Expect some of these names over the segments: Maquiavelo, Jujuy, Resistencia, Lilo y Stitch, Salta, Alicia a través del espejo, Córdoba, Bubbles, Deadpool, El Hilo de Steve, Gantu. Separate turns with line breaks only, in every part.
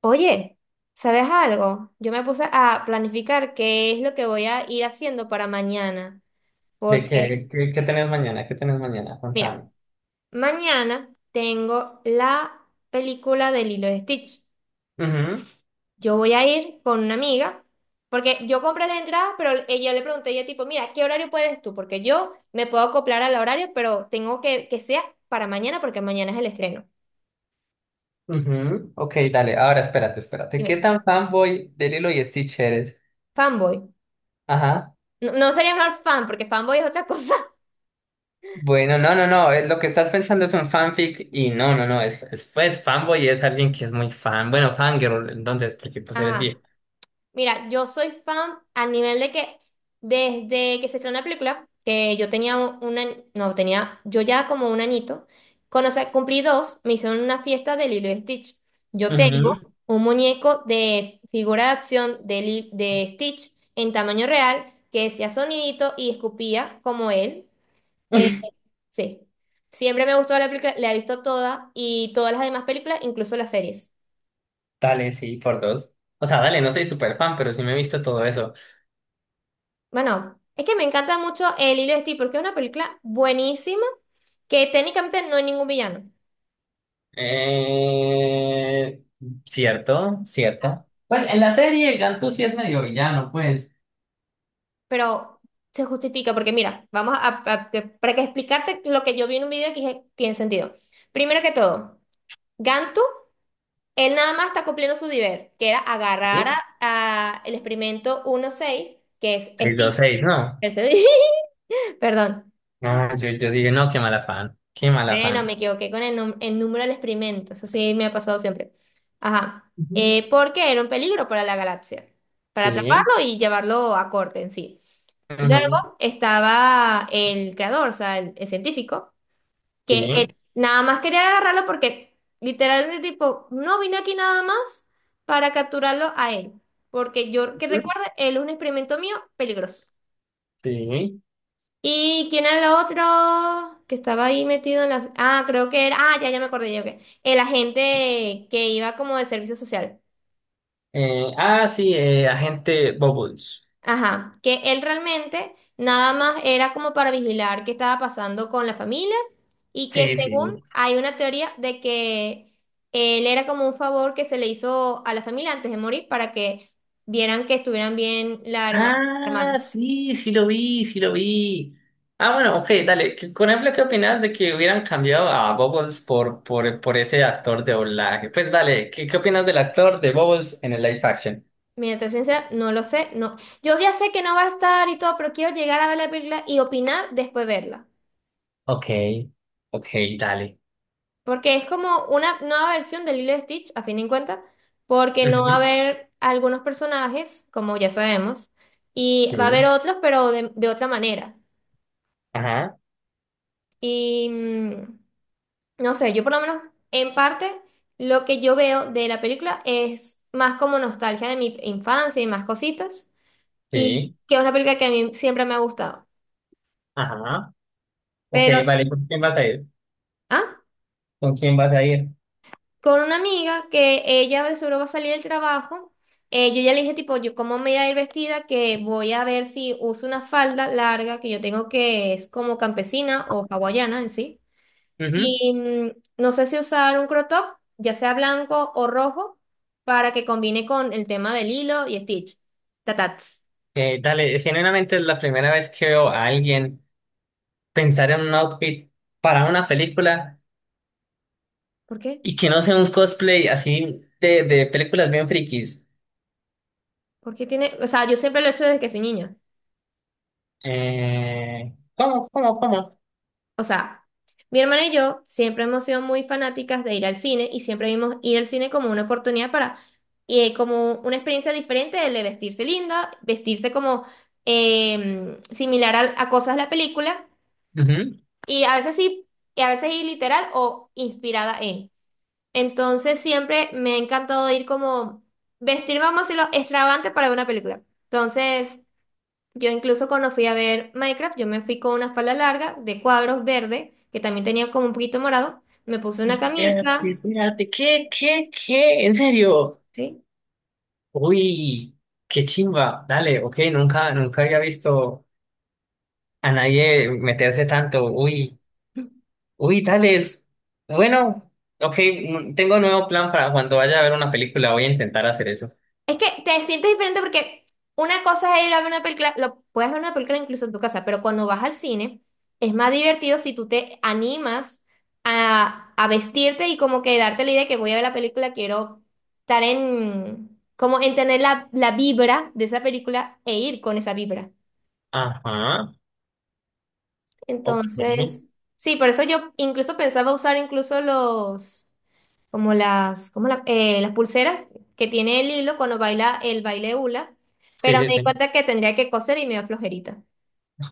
Oye, ¿sabes algo? Yo me puse a planificar qué es lo que voy a ir haciendo para mañana,
¿De
porque,
qué tenés mañana? ¿Qué tenés mañana?
mira,
Contame.
mañana tengo la película de Lilo y Stitch.
Ujú,
Yo voy a ir con una amiga, porque yo compré la entrada, pero ella le pregunté, ella tipo, mira, ¿qué horario puedes tú? Porque yo me puedo acoplar al horario, pero tengo que sea para mañana, porque mañana es el estreno.
ujú. Ok, dale. Ahora espérate, espérate. ¿Qué
Dime,
tan fanboy de Lilo y Stitch eres?
fanboy.
Ajá.
No, no sería mejor fan, porque fanboy es otra cosa.
Bueno, no, no, no. Lo que estás pensando es un fanfic y no, no, no. Pues fanboy es alguien que es muy fan. Bueno, fangirl, entonces, porque pues eres vieja.
Ajá. Mira, yo soy fan a nivel de que desde que se estrenó la película, que yo tenía una, no, tenía, yo ya como un añito, cuando o sea, cumplí dos, me hicieron una fiesta de Lilo y Stitch. Yo tengo
Ujú.
un muñeco de figura de acción de, de Stitch en tamaño real que decía sonidito y escupía como él. Eh, sí, siempre me gustó la película, la he visto toda y todas las demás películas, incluso las series.
Dale, sí, por dos. O sea, dale, no soy súper fan, pero sí me he visto todo eso.
Bueno, es que me encanta mucho El Hilo de Steve porque es una película buenísima que técnicamente no hay ningún villano,
Eh, cierto, cierto. Pues en la serie Gantu sí es medio villano, pues.
pero se justifica porque mira, vamos a- te- para que explicarte lo que yo vi en un video que dije, tiene sentido. Primero que todo, Gantu, él nada más está cumpliendo su deber, que era agarrar a el experimento 1.6, que es
seis dos
Steve,
seis no.
perfecto, perdón.
No, yo dije, no, qué mal afán, qué mal
Bueno, me
afán.
equivoqué con el, el número del experimento, eso sí me ha pasado siempre. Ajá.
Ujú.
Porque era un peligro para la galaxia, para
Sí,
atraparlo y llevarlo a corte en sí.
ujú,
Luego estaba el creador, o sea, el científico, que él
sí,
nada más quería agarrarlo porque literalmente tipo, no vine aquí nada más para capturarlo a él, porque yo que
ujú,
recuerde, él es un experimento mío peligroso.
sí.
¿Y quién era el otro que estaba ahí metido en las... Ah, creo que era... Ah, ya, ya me acordé yo que... El agente que iba como de servicio social.
Ah, sí, agente Bubbles.
Ajá, que él realmente nada más era como para vigilar qué estaba pasando con la familia y que
Sí, sí.
según hay una teoría de que él era como un favor que se le hizo a la familia antes de morir para que vieran que estuvieran bien las
Ah,
hermanas.
sí, sí lo vi, sí lo vi. Ah, bueno, ok, dale. ¿Qué- Por ejemplo, ¿qué opinas de que hubieran cambiado a Bubbles por ese actor de doblaje? Pues dale, ¿qué opinas del actor de Bubbles en el live action?
Mira, te soy sincera, no lo sé, no. Yo ya sé que no va a estar y todo, pero quiero llegar a ver la película y opinar después de verla.
Ok, ok, dale.
Porque es como una nueva versión de Lilo y Stitch, a fin de cuentas, porque no va a
Ujú.
haber algunos personajes, como ya sabemos, y
Sí,
va a haber otros, pero de otra manera.
ajá,
Y mm, no sé, yo por lo menos en parte lo que yo veo de la película es más como nostalgia de mi infancia y más cositas, y
sí.
que es una película que a mí siempre me ha gustado.
Ajá. Ok,
Pero,
vale, ¿con quién vas a ir?
¿ah?
¿Con quién vas a ir?
Con una amiga que ella de seguro va a salir del trabajo. Yo ya le dije, tipo, yo cómo me voy a ir vestida, que voy a ver si uso una falda larga que yo tengo que es como campesina o hawaiana en sí.
Ujú.
Y mm, no sé si usar un crop top, ya sea blanco o rojo, para que combine con el tema del hilo y Stitch. Tatats.
Dale, genuinamente es la primera vez que veo a alguien pensar en un outfit para una película
¿Por qué?
y que no sea un cosplay así de películas bien frikis.
Porque tiene, o sea, yo siempre lo he hecho desde que soy niña.
¿Cómo, cómo?
O sea, mi hermana y yo siempre hemos sido muy fanáticas de ir al cine y siempre vimos ir al cine como una oportunidad para, como una experiencia diferente de vestirse linda, vestirse como similar a cosas de la película
Ujú.
y a veces sí, y a veces ir literal o inspirada en. Entonces siempre me ha encantado ir como vestirme, vamos a decirlo, extravagante para ver una película. Entonces, yo incluso cuando fui a ver Minecraft, yo me fui con una falda larga de cuadros verde, que también tenía como un poquito morado. Me puse una
Espérate,
camisa,
espérate, ¿qué? ¿En serio?
¿sí?
Uy, qué chimba. Dale, ok, nunca, nunca había visto a nadie meterse tanto. Uy. Uy, tales. Bueno, ok, tengo un nuevo plan para cuando vaya a ver una película. Voy a intentar hacer eso.
Es que te sientes diferente porque una cosa es ir a ver una película, lo puedes ver una película incluso en tu casa, pero cuando vas al cine es más divertido si tú te animas a vestirte y como que darte la idea de que voy a ver la película, quiero estar en, como en tener la vibra de esa película e ir con esa vibra.
Ajá, ok.
Entonces, sí, por eso yo incluso pensaba usar incluso los, como las, las pulseras que tiene el hilo cuando baila el baile hula,
Sí,
pero
sí,
me di
sí.
cuenta que tendría que coser y me dio flojerita.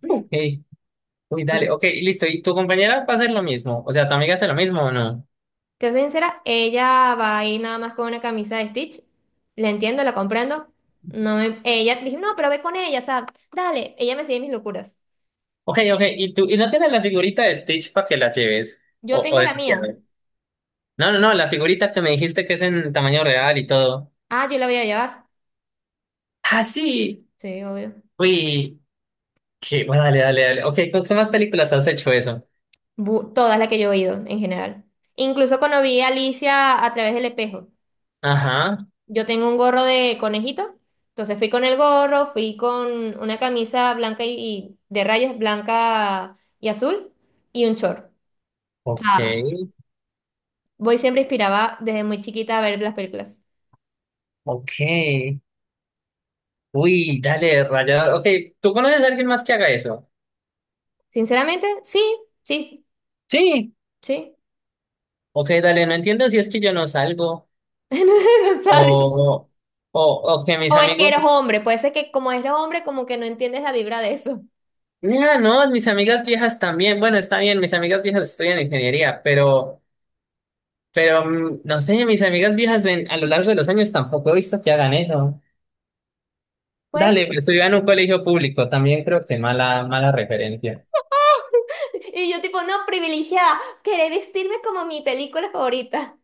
Ok, uy, dale,
Entonces,
ok, listo. ¿Y tu compañera va a hacer lo mismo? O sea, ¿tu amiga hace lo mismo o no?
te soy sincera, ella va ahí nada más con una camisa de Stitch. La entiendo, la comprendo. Ella dije, no, pero ve con ella, o sea, dale, ella me sigue mis locuras.
Ok, ok, ¿y tú? ¿Y no tienes la figurita de Stitch para que la lleves?
Yo
¿O, o
tengo
de
la mía.
Maquiavelo? No, no, no, la figurita que me dijiste que es en tamaño real y todo.
Ah, yo la voy a llevar.
Ah, sí.
Sí, obvio.
Uy, qué, bueno, dale, dale, dale. Ok, ¿con qué más películas has hecho eso?
Todas las que yo he ido en general. Incluso cuando vi a Alicia a través del espejo.
Ajá,
Yo tengo un gorro de conejito, entonces fui con el gorro, fui con una camisa blanca y de rayas blanca y azul y un short. O
ok.
sea, voy siempre inspiraba desde muy chiquita a ver las películas.
Ok, uy, dale, rayador. Ok, ¿tú conoces a alguien más que haga eso?
Sinceramente, sí, sí,
Sí,
sí.
ok, dale, no entiendo si es que yo no salgo
No no, ¿Sabes?
o, o, o que mis
O es que
amigos...
eres hombre, puede ser que como eres hombre, como que no entiendes la vibra de eso.
Mira, no, mis amigas viejas también. Bueno, está bien, mis amigas viejas estudian ingeniería, pero no sé, mis amigas viejas en- a lo largo de los años tampoco he visto que hagan eso.
Puede ser.
Dale, pero estudiaba en un colegio público, también creo que mala, mala referencia.
Y yo tipo, no, privilegiada, querer vestirme como mi película favorita.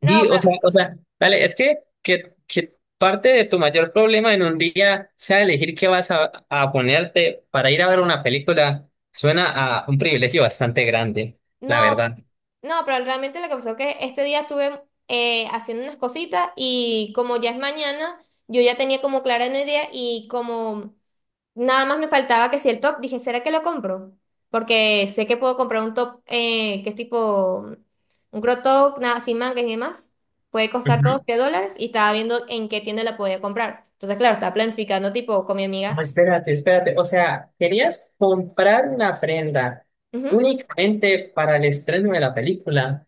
No,
Y,
pero,
o sea, dale, es que, que parte de tu mayor problema en un día sea elegir qué vas a ponerte para ir a ver una película, suena a un privilegio bastante grande, la
no,
verdad.
no, pero realmente lo que pasó es que este día estuve haciendo unas cositas y como ya es mañana, yo ya tenía como clara una idea y como nada más me faltaba que si el top, dije, ¿será que lo compro? Porque sé que puedo comprar un top que es tipo un crop top, nada, sin mangas y demás. Puede costar
Ujú.
$12 y estaba viendo en qué tienda la podía comprar. Entonces, claro, estaba planificando tipo con mi amiga.
No, espérate, espérate, o sea, querías comprar una prenda
Ujú.
únicamente para el estreno de la película.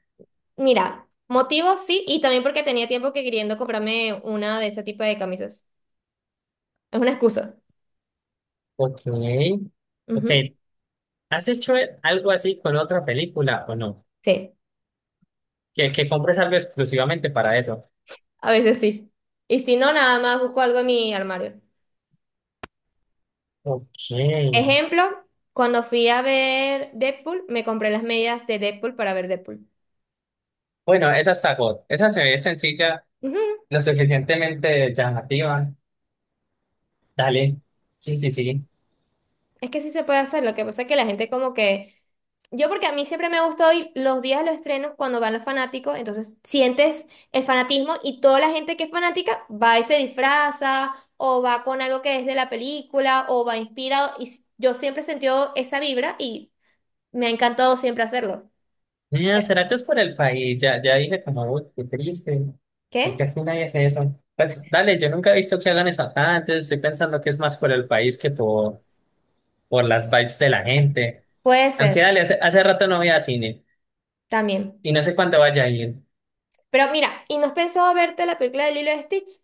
Mira, motivos sí, y también porque tenía tiempo que queriendo comprarme una de ese tipo de camisas. Es una excusa.
Ok, ok.
Ujú.
¿Has hecho algo así con otra película o no?
Sí,
Que compres algo exclusivamente para eso.
a veces sí. Y si no, nada más busco algo en mi armario.
Ok.
Ejemplo, cuando fui a ver Deadpool, me compré las medias de Deadpool para ver Deadpool.
Bueno, esa está God. Esa se ve sencilla,
Ujú.
lo suficientemente llamativa. Dale. Sí, sí, sí.
Es que sí se puede hacer, lo que pasa es que la gente como que yo porque a mí siempre me gustó ir los días de los estrenos cuando van los fanáticos, entonces sientes el fanatismo y toda la gente que es fanática va y se disfraza o va con algo que es de la película o va inspirado yo siempre he sentido esa vibra y me ha encantado siempre hacerlo.
Mira, ¿será que es por el país? Ya, ya dije como, uy, qué triste. Porque
¿Qué?
aquí nadie hace eso. Pues dale, yo nunca he visto que hagan eso acá antes. Estoy pensando que es más por el país que por las vibes de la gente.
Puede
Aunque
ser
dale, hace, hace rato no voy a cine.
también.
Y no sé cuándo vaya a ir.
Pero mira, ¿y no has pensado verte la película de Lilo y Stitch?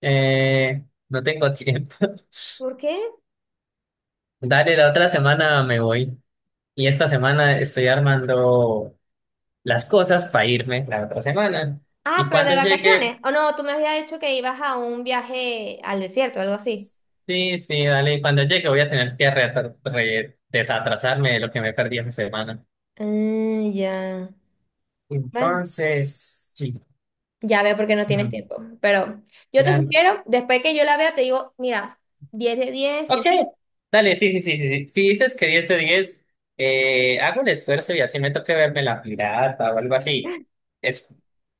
Eh, no tengo tiempo.
¿Por qué?
Dale, la otra semana me voy. Y esta semana estoy armando las cosas para irme la otra semana.
Ah,
Y
pero de
cuando
vacaciones.
llegue,
O no, tú me habías dicho que ibas a un viaje al desierto, algo así.
sí, sí, dale, cuando llegue voy a tener que desatrasarme de lo que me perdí esa semana.
Ah, ya. Bueno.
Entonces, sí.
Ya veo porque no tienes
Ujú,
tiempo, pero yo te
dale.
sugiero, después que yo la vea, te digo, mira, 10 de 10 y
Ok,
así.
dale, sí, sí, sí, sí, sí. Si dices que 10 de 10, hago el esfuerzo y así me toque verme la pirata o algo así. Es,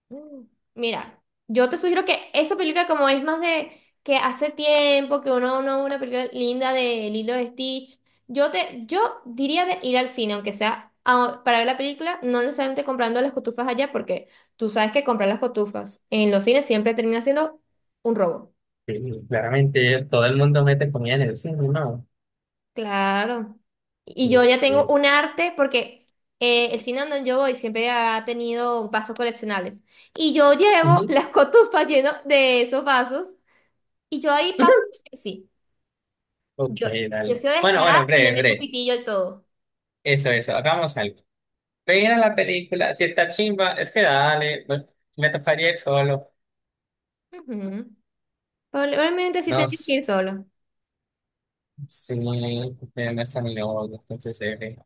Mm. Mira, yo te sugiero que esa película como es más de que hace tiempo que uno no ve una película linda de Lilo y Stitch, yo diría de ir al cine, aunque sea para ver la película, no necesariamente comprando las cotufas allá, porque tú sabes que comprar las cotufas en los cines siempre termina siendo un robo.
sí, claramente todo el mundo mete comida en el cine, ¿no?
Claro.
Sí,
Y yo ya tengo
sí.
un arte porque el cine donde yo voy siempre ha tenido vasos coleccionables. Y yo llevo
Ujú.
las cotufas llenas de esos vasos. Y yo ahí paso. Sí,
Ok,
yo, yo
dale.
soy
Bueno,
descarada
bueno,
y le
breve,
meto
breve.
pitillo al todo.
Eso, eso. Hagamos algo. Mira la película, si está chimba, es que dale, me toparía ir solo.
Ujú. Probablemente sí
No,
tendría que
s-
ir solo.
sí, pero no está mi novio, entonces,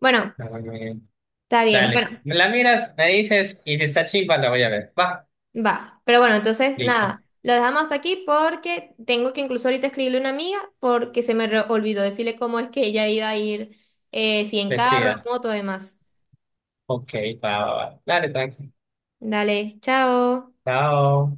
Bueno,
no, no, no.
está bien.
Dale,
Bueno,
me la miras, me dices, y si está chimba, la voy a ver. Va,
va, pero bueno, entonces
listo,
nada, lo dejamos hasta aquí porque tengo que incluso ahorita escribirle a una amiga porque olvidó decirle cómo es que ella iba a ir, si en carro, en
vestida.
moto, demás.
Ok, va, va, va. Dale, tranqui.
Dale, chao.
Chao.